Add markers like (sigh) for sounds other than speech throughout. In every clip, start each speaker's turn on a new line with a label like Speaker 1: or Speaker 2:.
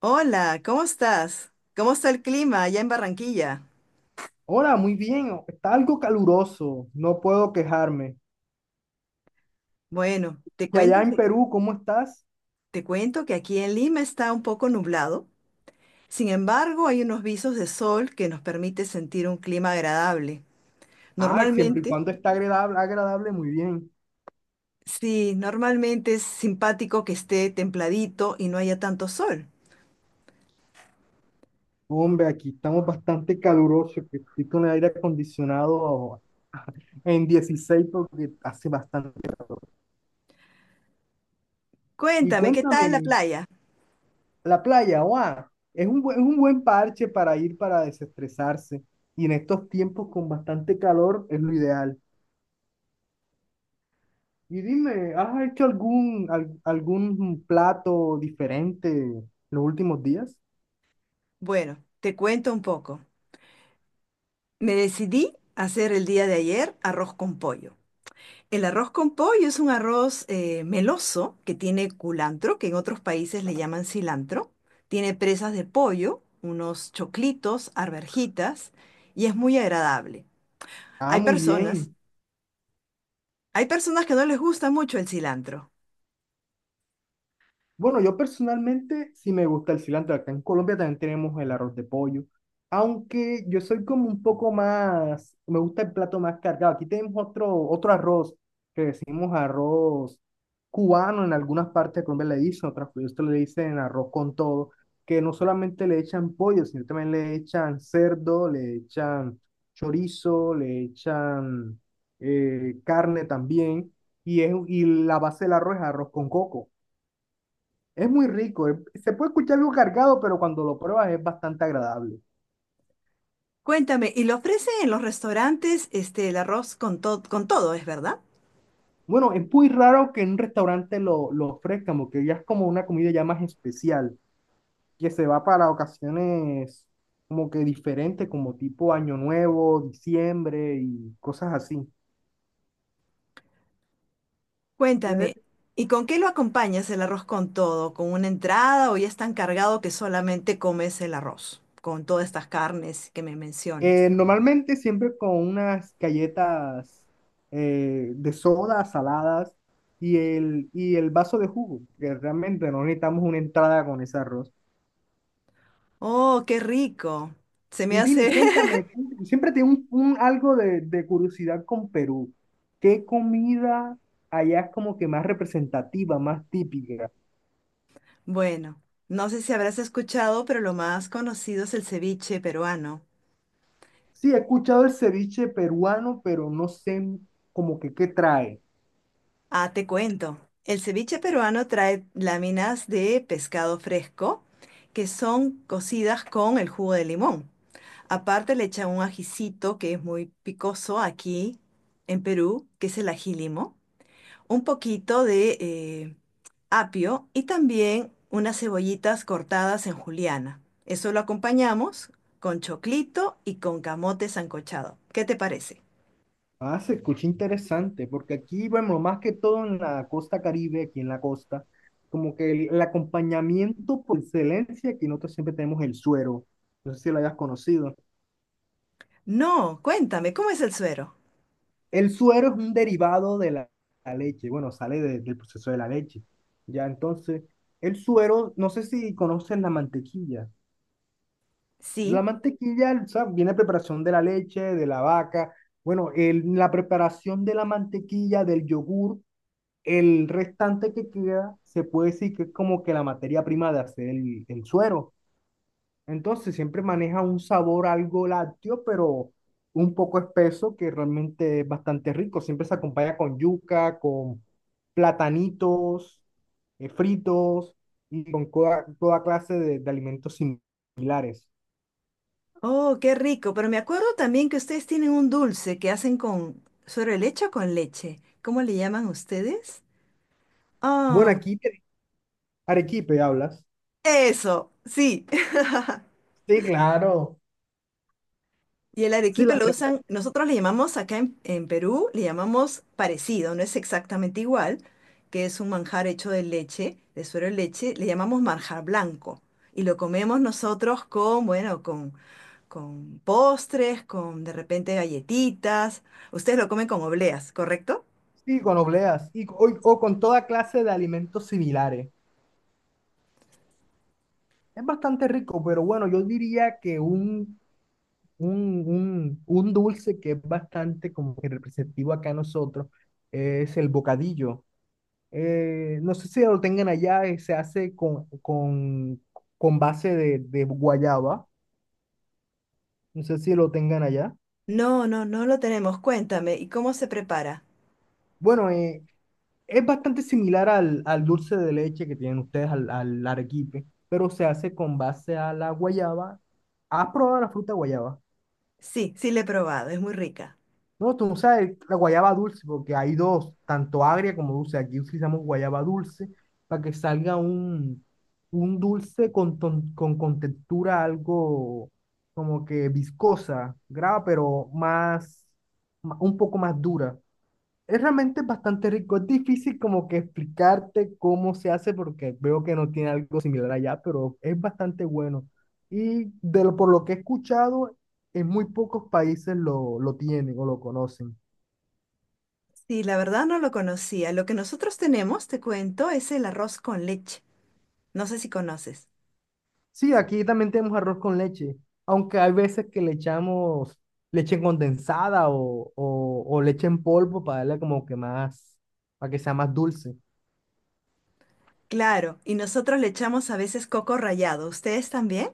Speaker 1: Hola, ¿cómo estás? ¿Cómo está el clima allá en Barranquilla?
Speaker 2: Hola, muy bien. Está algo caluroso, no puedo quejarme.
Speaker 1: Bueno,
Speaker 2: Y allá en Perú, ¿cómo estás?
Speaker 1: te cuento que aquí en Lima está un poco nublado. Sin embargo, hay unos visos de sol que nos permite sentir un clima agradable.
Speaker 2: Ah, siempre y
Speaker 1: Normalmente,
Speaker 2: cuando está agradable, agradable, muy bien.
Speaker 1: sí, normalmente es simpático que esté templadito y no haya tanto sol.
Speaker 2: Hombre, aquí estamos bastante calurosos, que estoy con el aire acondicionado (laughs) en 16 porque hace bastante. Y
Speaker 1: Cuéntame, ¿qué tal la
Speaker 2: cuéntame,
Speaker 1: playa?
Speaker 2: la playa, guau, es un buen parche para ir para desestresarse. Y en estos tiempos con bastante calor es lo ideal. Y dime, ¿has hecho algún plato diferente en los últimos días?
Speaker 1: Bueno, te cuento un poco. Me decidí a hacer el día de ayer arroz con pollo. El arroz con pollo es un arroz meloso que tiene culantro, que en otros países le llaman cilantro. Tiene presas de pollo, unos choclitos, arvejitas, y es muy agradable.
Speaker 2: Ah,
Speaker 1: Hay
Speaker 2: muy
Speaker 1: personas,
Speaker 2: bien.
Speaker 1: hay personas que no les gusta mucho el cilantro.
Speaker 2: Bueno, yo personalmente sí me gusta el cilantro. Acá en Colombia también tenemos el arroz de pollo. Aunque yo soy como un poco más, me gusta el plato más cargado. Aquí tenemos otro arroz que decimos arroz cubano. En algunas partes de Colombia le dicen, otras partes le dicen arroz con todo, que no solamente le echan pollo, sino también le echan cerdo, le echan chorizo, le echan carne también. Y la base del arroz es arroz con coco. Es muy rico, se puede escuchar algo cargado, pero cuando lo pruebas es bastante agradable.
Speaker 1: Cuéntame, ¿y lo ofrecen en los restaurantes este, el arroz con, to- con todo, es verdad?
Speaker 2: Bueno, es muy raro que en un restaurante lo ofrezcan, porque ya es como una comida ya más especial, que se va para ocasiones como que diferentes, como tipo Año Nuevo, diciembre y cosas así. Ya
Speaker 1: Cuéntame,
Speaker 2: es-
Speaker 1: ¿y con qué lo acompañas el arroz con todo? ¿Con una entrada o ya es tan cargado que solamente comes el arroz con todas estas carnes que me mencionas?
Speaker 2: Normalmente siempre con unas galletas de soda, saladas y el vaso de jugo, que realmente no necesitamos una entrada con ese arroz.
Speaker 1: Oh, qué rico. Se me
Speaker 2: Y dime,
Speaker 1: hace... (laughs)
Speaker 2: cuéntame, tú siempre tengo un algo de curiosidad con Perú. ¿Qué comida allá es como que más representativa, más típica?
Speaker 1: Bueno, no sé si habrás escuchado, pero lo más conocido es el ceviche peruano.
Speaker 2: Sí, he escuchado el ceviche peruano, pero no sé como que qué trae.
Speaker 1: Ah, te cuento. El ceviche peruano trae láminas de pescado fresco que son cocidas con el jugo de limón. Aparte le echan un ajicito que es muy picoso aquí en Perú, que es el ají limo. Un poquito de apio y también unas cebollitas cortadas en juliana. Eso lo acompañamos con choclito y con camote sancochado. ¿Qué te parece?
Speaker 2: Ah, se escucha interesante, porque aquí, bueno, más que todo en la costa Caribe, aquí en la costa, como que el acompañamiento por excelencia, aquí nosotros siempre tenemos el suero. No sé si lo hayas conocido.
Speaker 1: No, cuéntame, ¿cómo es el suero?
Speaker 2: El suero es un derivado de la leche, bueno, sale del proceso de la leche. Ya, entonces, el suero, no sé si conoces la mantequilla. La
Speaker 1: Sí.
Speaker 2: mantequilla, o sea, viene preparación de la leche, de la vaca. Bueno, la preparación de la mantequilla, del yogur, el restante que queda, se puede decir que es como que la materia prima de hacer el suero. Entonces siempre maneja un sabor algo lácteo, pero un poco espeso que realmente es bastante rico. Siempre se acompaña con yuca, con platanitos fritos y con toda clase de alimentos similares.
Speaker 1: Oh, qué rico, pero me acuerdo también que ustedes tienen un dulce que hacen con suero de leche o con leche. ¿Cómo le llaman ustedes?
Speaker 2: Bueno,
Speaker 1: Oh,
Speaker 2: arequipe hablas.
Speaker 1: eso, sí. (laughs)
Speaker 2: Sí, claro.
Speaker 1: Y el
Speaker 2: Sí,
Speaker 1: arequipe
Speaker 2: las
Speaker 1: lo
Speaker 2: tem-
Speaker 1: usan, nosotros le llamamos acá en Perú, le llamamos parecido, no es exactamente igual, que es un manjar hecho de leche, de suero de leche, le llamamos manjar blanco. Y lo comemos nosotros con, bueno, con postres, con de repente galletitas. Ustedes lo comen con obleas, ¿correcto?
Speaker 2: sí, con obleas y, o con toda clase de alimentos similares. Es bastante rico, pero bueno, yo diría que un dulce que es bastante como que representativo acá a nosotros es el bocadillo. No sé si lo tengan allá, se hace con base de guayaba. No sé si lo tengan allá.
Speaker 1: No, no, no lo tenemos. Cuéntame, ¿y cómo se prepara?
Speaker 2: Bueno, es bastante similar al dulce de leche que tienen ustedes, al arequipe, pero se hace con base a la guayaba. ¿Has probado la fruta guayaba?
Speaker 1: Sí, sí le he probado, es muy rica.
Speaker 2: No, tú no sabes la guayaba dulce, porque hay dos, tanto agria como dulce. Aquí utilizamos guayaba dulce para que salga un dulce con textura algo como que viscosa, grave, pero un poco más dura. Es realmente bastante rico. Es difícil como que explicarte cómo se hace porque veo que no tiene algo similar allá, pero es bastante bueno. Y por lo que he escuchado, en muy pocos países lo tienen o lo conocen.
Speaker 1: Sí, la verdad no lo conocía. Lo que nosotros tenemos, te cuento, es el arroz con leche. No sé si conoces.
Speaker 2: Sí, aquí también tenemos arroz con leche, aunque hay veces que le echamos leche condensada o leche en polvo para darle como que más, para que sea más dulce.
Speaker 1: Claro, y nosotros le echamos a veces coco rallado. ¿Ustedes también?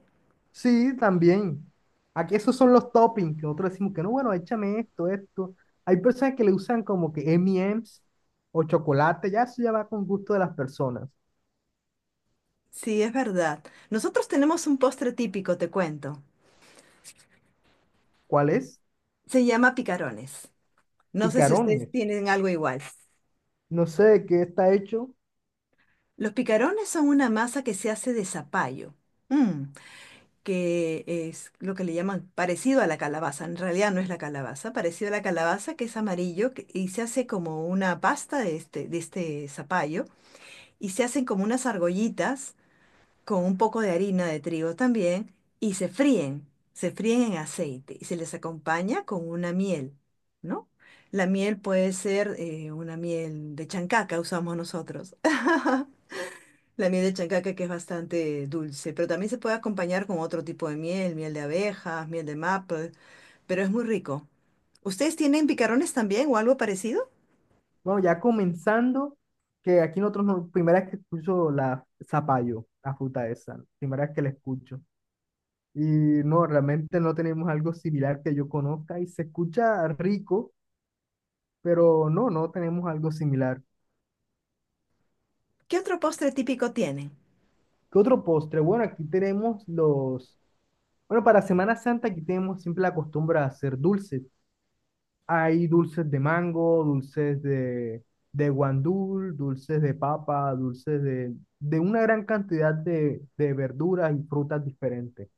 Speaker 2: Sí, también. Aquí esos son los toppings, que nosotros decimos que no, bueno, échame esto, esto. Hay personas que le usan como que M&M's o chocolate, ya eso ya va con gusto de las personas.
Speaker 1: Sí, es verdad. Nosotros tenemos un postre típico, te cuento.
Speaker 2: ¿Cuál es?
Speaker 1: Se llama picarones. No sé si ustedes
Speaker 2: Picarones.
Speaker 1: tienen algo igual.
Speaker 2: No sé de qué está hecho.
Speaker 1: Los picarones son una masa que se hace de zapallo, mm, que es lo que le llaman parecido a la calabaza. En realidad no es la calabaza, parecido a la calabaza que es amarillo que- y se hace como una pasta de este zapallo y se hacen como unas argollitas con un poco de harina de trigo también y se fríen en aceite y se les acompaña con una miel, ¿no? La miel puede ser una miel de chancaca, usamos nosotros. (laughs) La miel de chancaca que es bastante dulce, pero también se puede acompañar con otro tipo de miel, miel de abejas, miel de maple, pero es muy rico. ¿Ustedes tienen picarones también o algo parecido?
Speaker 2: Bueno, ya comenzando, que aquí nosotros, primera vez que escucho la zapallo, la fruta esa, primera vez que la escucho. Y no, realmente no tenemos algo similar que yo conozca y se escucha rico, pero no tenemos algo similar.
Speaker 1: ¿Qué otro postre típico tienen?
Speaker 2: ¿Qué otro postre? Bueno, aquí tenemos los... Bueno, para Semana Santa aquí tenemos siempre la costumbre de hacer dulces. Hay dulces de mango, dulces de guandul, dulces de papa, dulces de una gran cantidad de verduras y frutas diferentes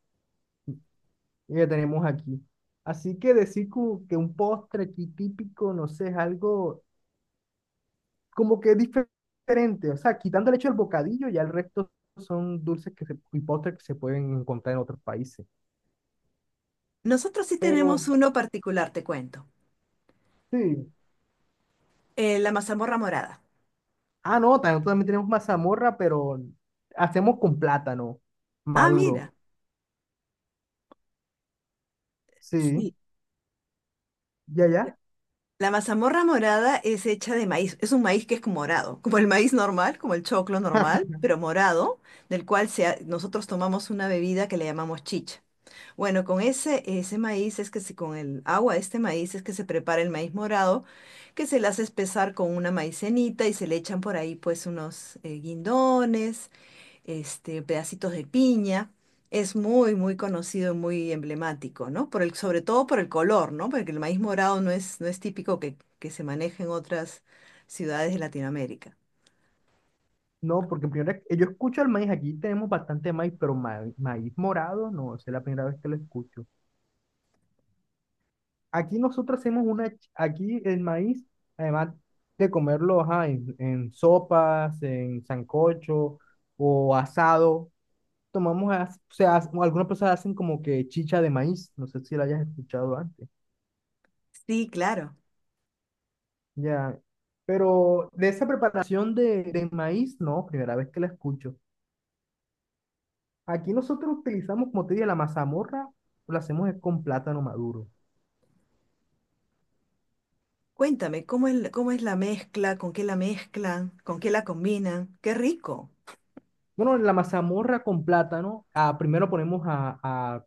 Speaker 2: y que tenemos aquí. Así que decir como que un postre aquí típico, no sé, es algo como que diferente. O sea, quitando el hecho del bocadillo, ya el resto son dulces y postres que se pueden encontrar en otros países.
Speaker 1: Nosotros sí
Speaker 2: Pero
Speaker 1: tenemos uno particular, te cuento.
Speaker 2: sí.
Speaker 1: La mazamorra morada.
Speaker 2: Ah, no, también tenemos mazamorra, pero hacemos con plátano
Speaker 1: Ah,
Speaker 2: maduro.
Speaker 1: mira.
Speaker 2: Sí,
Speaker 1: Sí.
Speaker 2: ya,
Speaker 1: Ya.
Speaker 2: ya.
Speaker 1: La mazamorra morada es hecha de maíz. Es un maíz que es como morado, como el maíz normal, como el choclo normal,
Speaker 2: (laughs)
Speaker 1: pero morado, del cual se ha- nosotros tomamos una bebida que le llamamos chicha. Bueno, con ese, ese maíz es que se, con el agua de este maíz es que se prepara el maíz morado, que se le hace espesar con una maicenita y se le echan por ahí pues unos guindones, este, pedacitos de piña. Es muy, muy conocido y muy emblemático, ¿no? Por el, sobre todo por el color, ¿no? Porque el maíz morado no es, no es típico que se maneje en otras ciudades de Latinoamérica.
Speaker 2: No, porque primero yo escucho el maíz, aquí tenemos bastante maíz, pero maíz morado, no, esa es la primera vez que lo escucho. Aquí nosotros hacemos aquí el maíz, además de comerlo, ajá, en, sopas, en sancocho o asado, o sea, algunas personas hacen como que chicha de maíz, no sé si la hayas escuchado antes.
Speaker 1: Sí, claro.
Speaker 2: Ya, pero de esa preparación de maíz, no, primera vez que la escucho. Aquí nosotros utilizamos, como te dije, la mazamorra, lo hacemos es con plátano maduro.
Speaker 1: Cuéntame, cómo es la mezcla? ¿Con qué la mezclan? ¿Con qué la combinan?
Speaker 2: Bueno, la mazamorra con plátano, ah, primero ponemos a, a-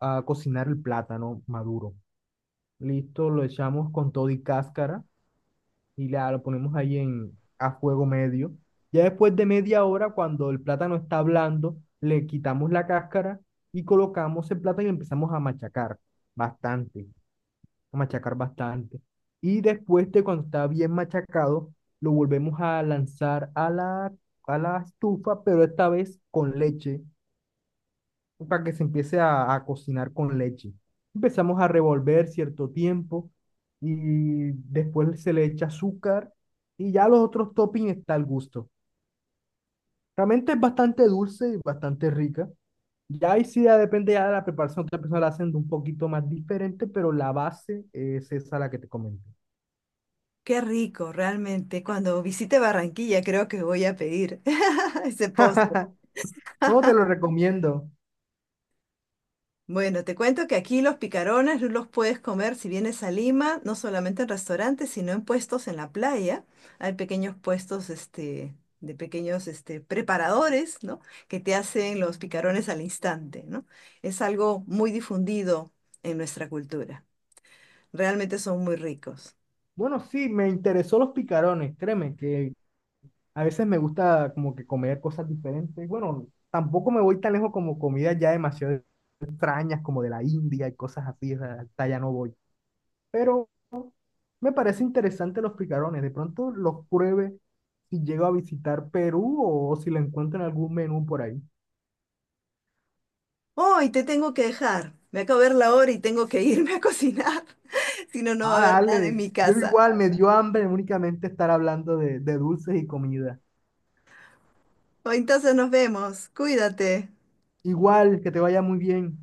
Speaker 2: a- a cocinar el plátano maduro. Listo, lo echamos con todo y cáscara. Lo ponemos ahí a fuego medio. Ya después de media hora, cuando el plátano está blando, le quitamos la cáscara y colocamos el plátano y empezamos a machacar bastante, a machacar bastante. Y después de cuando está bien machacado, lo volvemos a lanzar a la estufa, pero esta vez con leche para que se empiece a cocinar con leche. Empezamos a revolver cierto tiempo y después se le echa azúcar y ya los otros toppings está al gusto. Realmente es bastante dulce y bastante rica. Ya ahí sí ya depende ya de la preparación, otra persona la hacen de un poquito más diferente, pero la base es esa la que te comenté.
Speaker 1: Qué rico, realmente. Cuando visite Barranquilla creo que voy a pedir (laughs) ese postre.
Speaker 2: (laughs) No, te lo recomiendo.
Speaker 1: Bueno, te cuento que aquí los picarones los puedes comer si vienes a Lima, no solamente en restaurantes, sino en puestos en la playa. Hay pequeños puestos, este, de pequeños, este, preparadores, ¿no? Que te hacen los picarones al instante, ¿no? Es algo muy difundido en nuestra cultura. Realmente son muy ricos.
Speaker 2: Bueno, sí, me interesó los picarones, créeme que a veces me gusta como que comer cosas diferentes. Bueno, tampoco me voy tan lejos como comidas ya demasiado extrañas, como de la India y cosas así, o sea, hasta allá no voy. Pero me parece interesante los picarones. De pronto los pruebe si llego a visitar Perú o si lo encuentro en algún menú por ahí.
Speaker 1: Oh, y te tengo que dejar. Me acabo de ver la hora y tengo que irme a cocinar. (laughs) Si no, no va a
Speaker 2: Ah,
Speaker 1: haber nada en
Speaker 2: dale.
Speaker 1: mi
Speaker 2: Yo
Speaker 1: casa.
Speaker 2: igual me dio hambre únicamente estar hablando de dulces y comida.
Speaker 1: Oh, entonces nos vemos. Cuídate.
Speaker 2: Igual, que te vaya muy bien.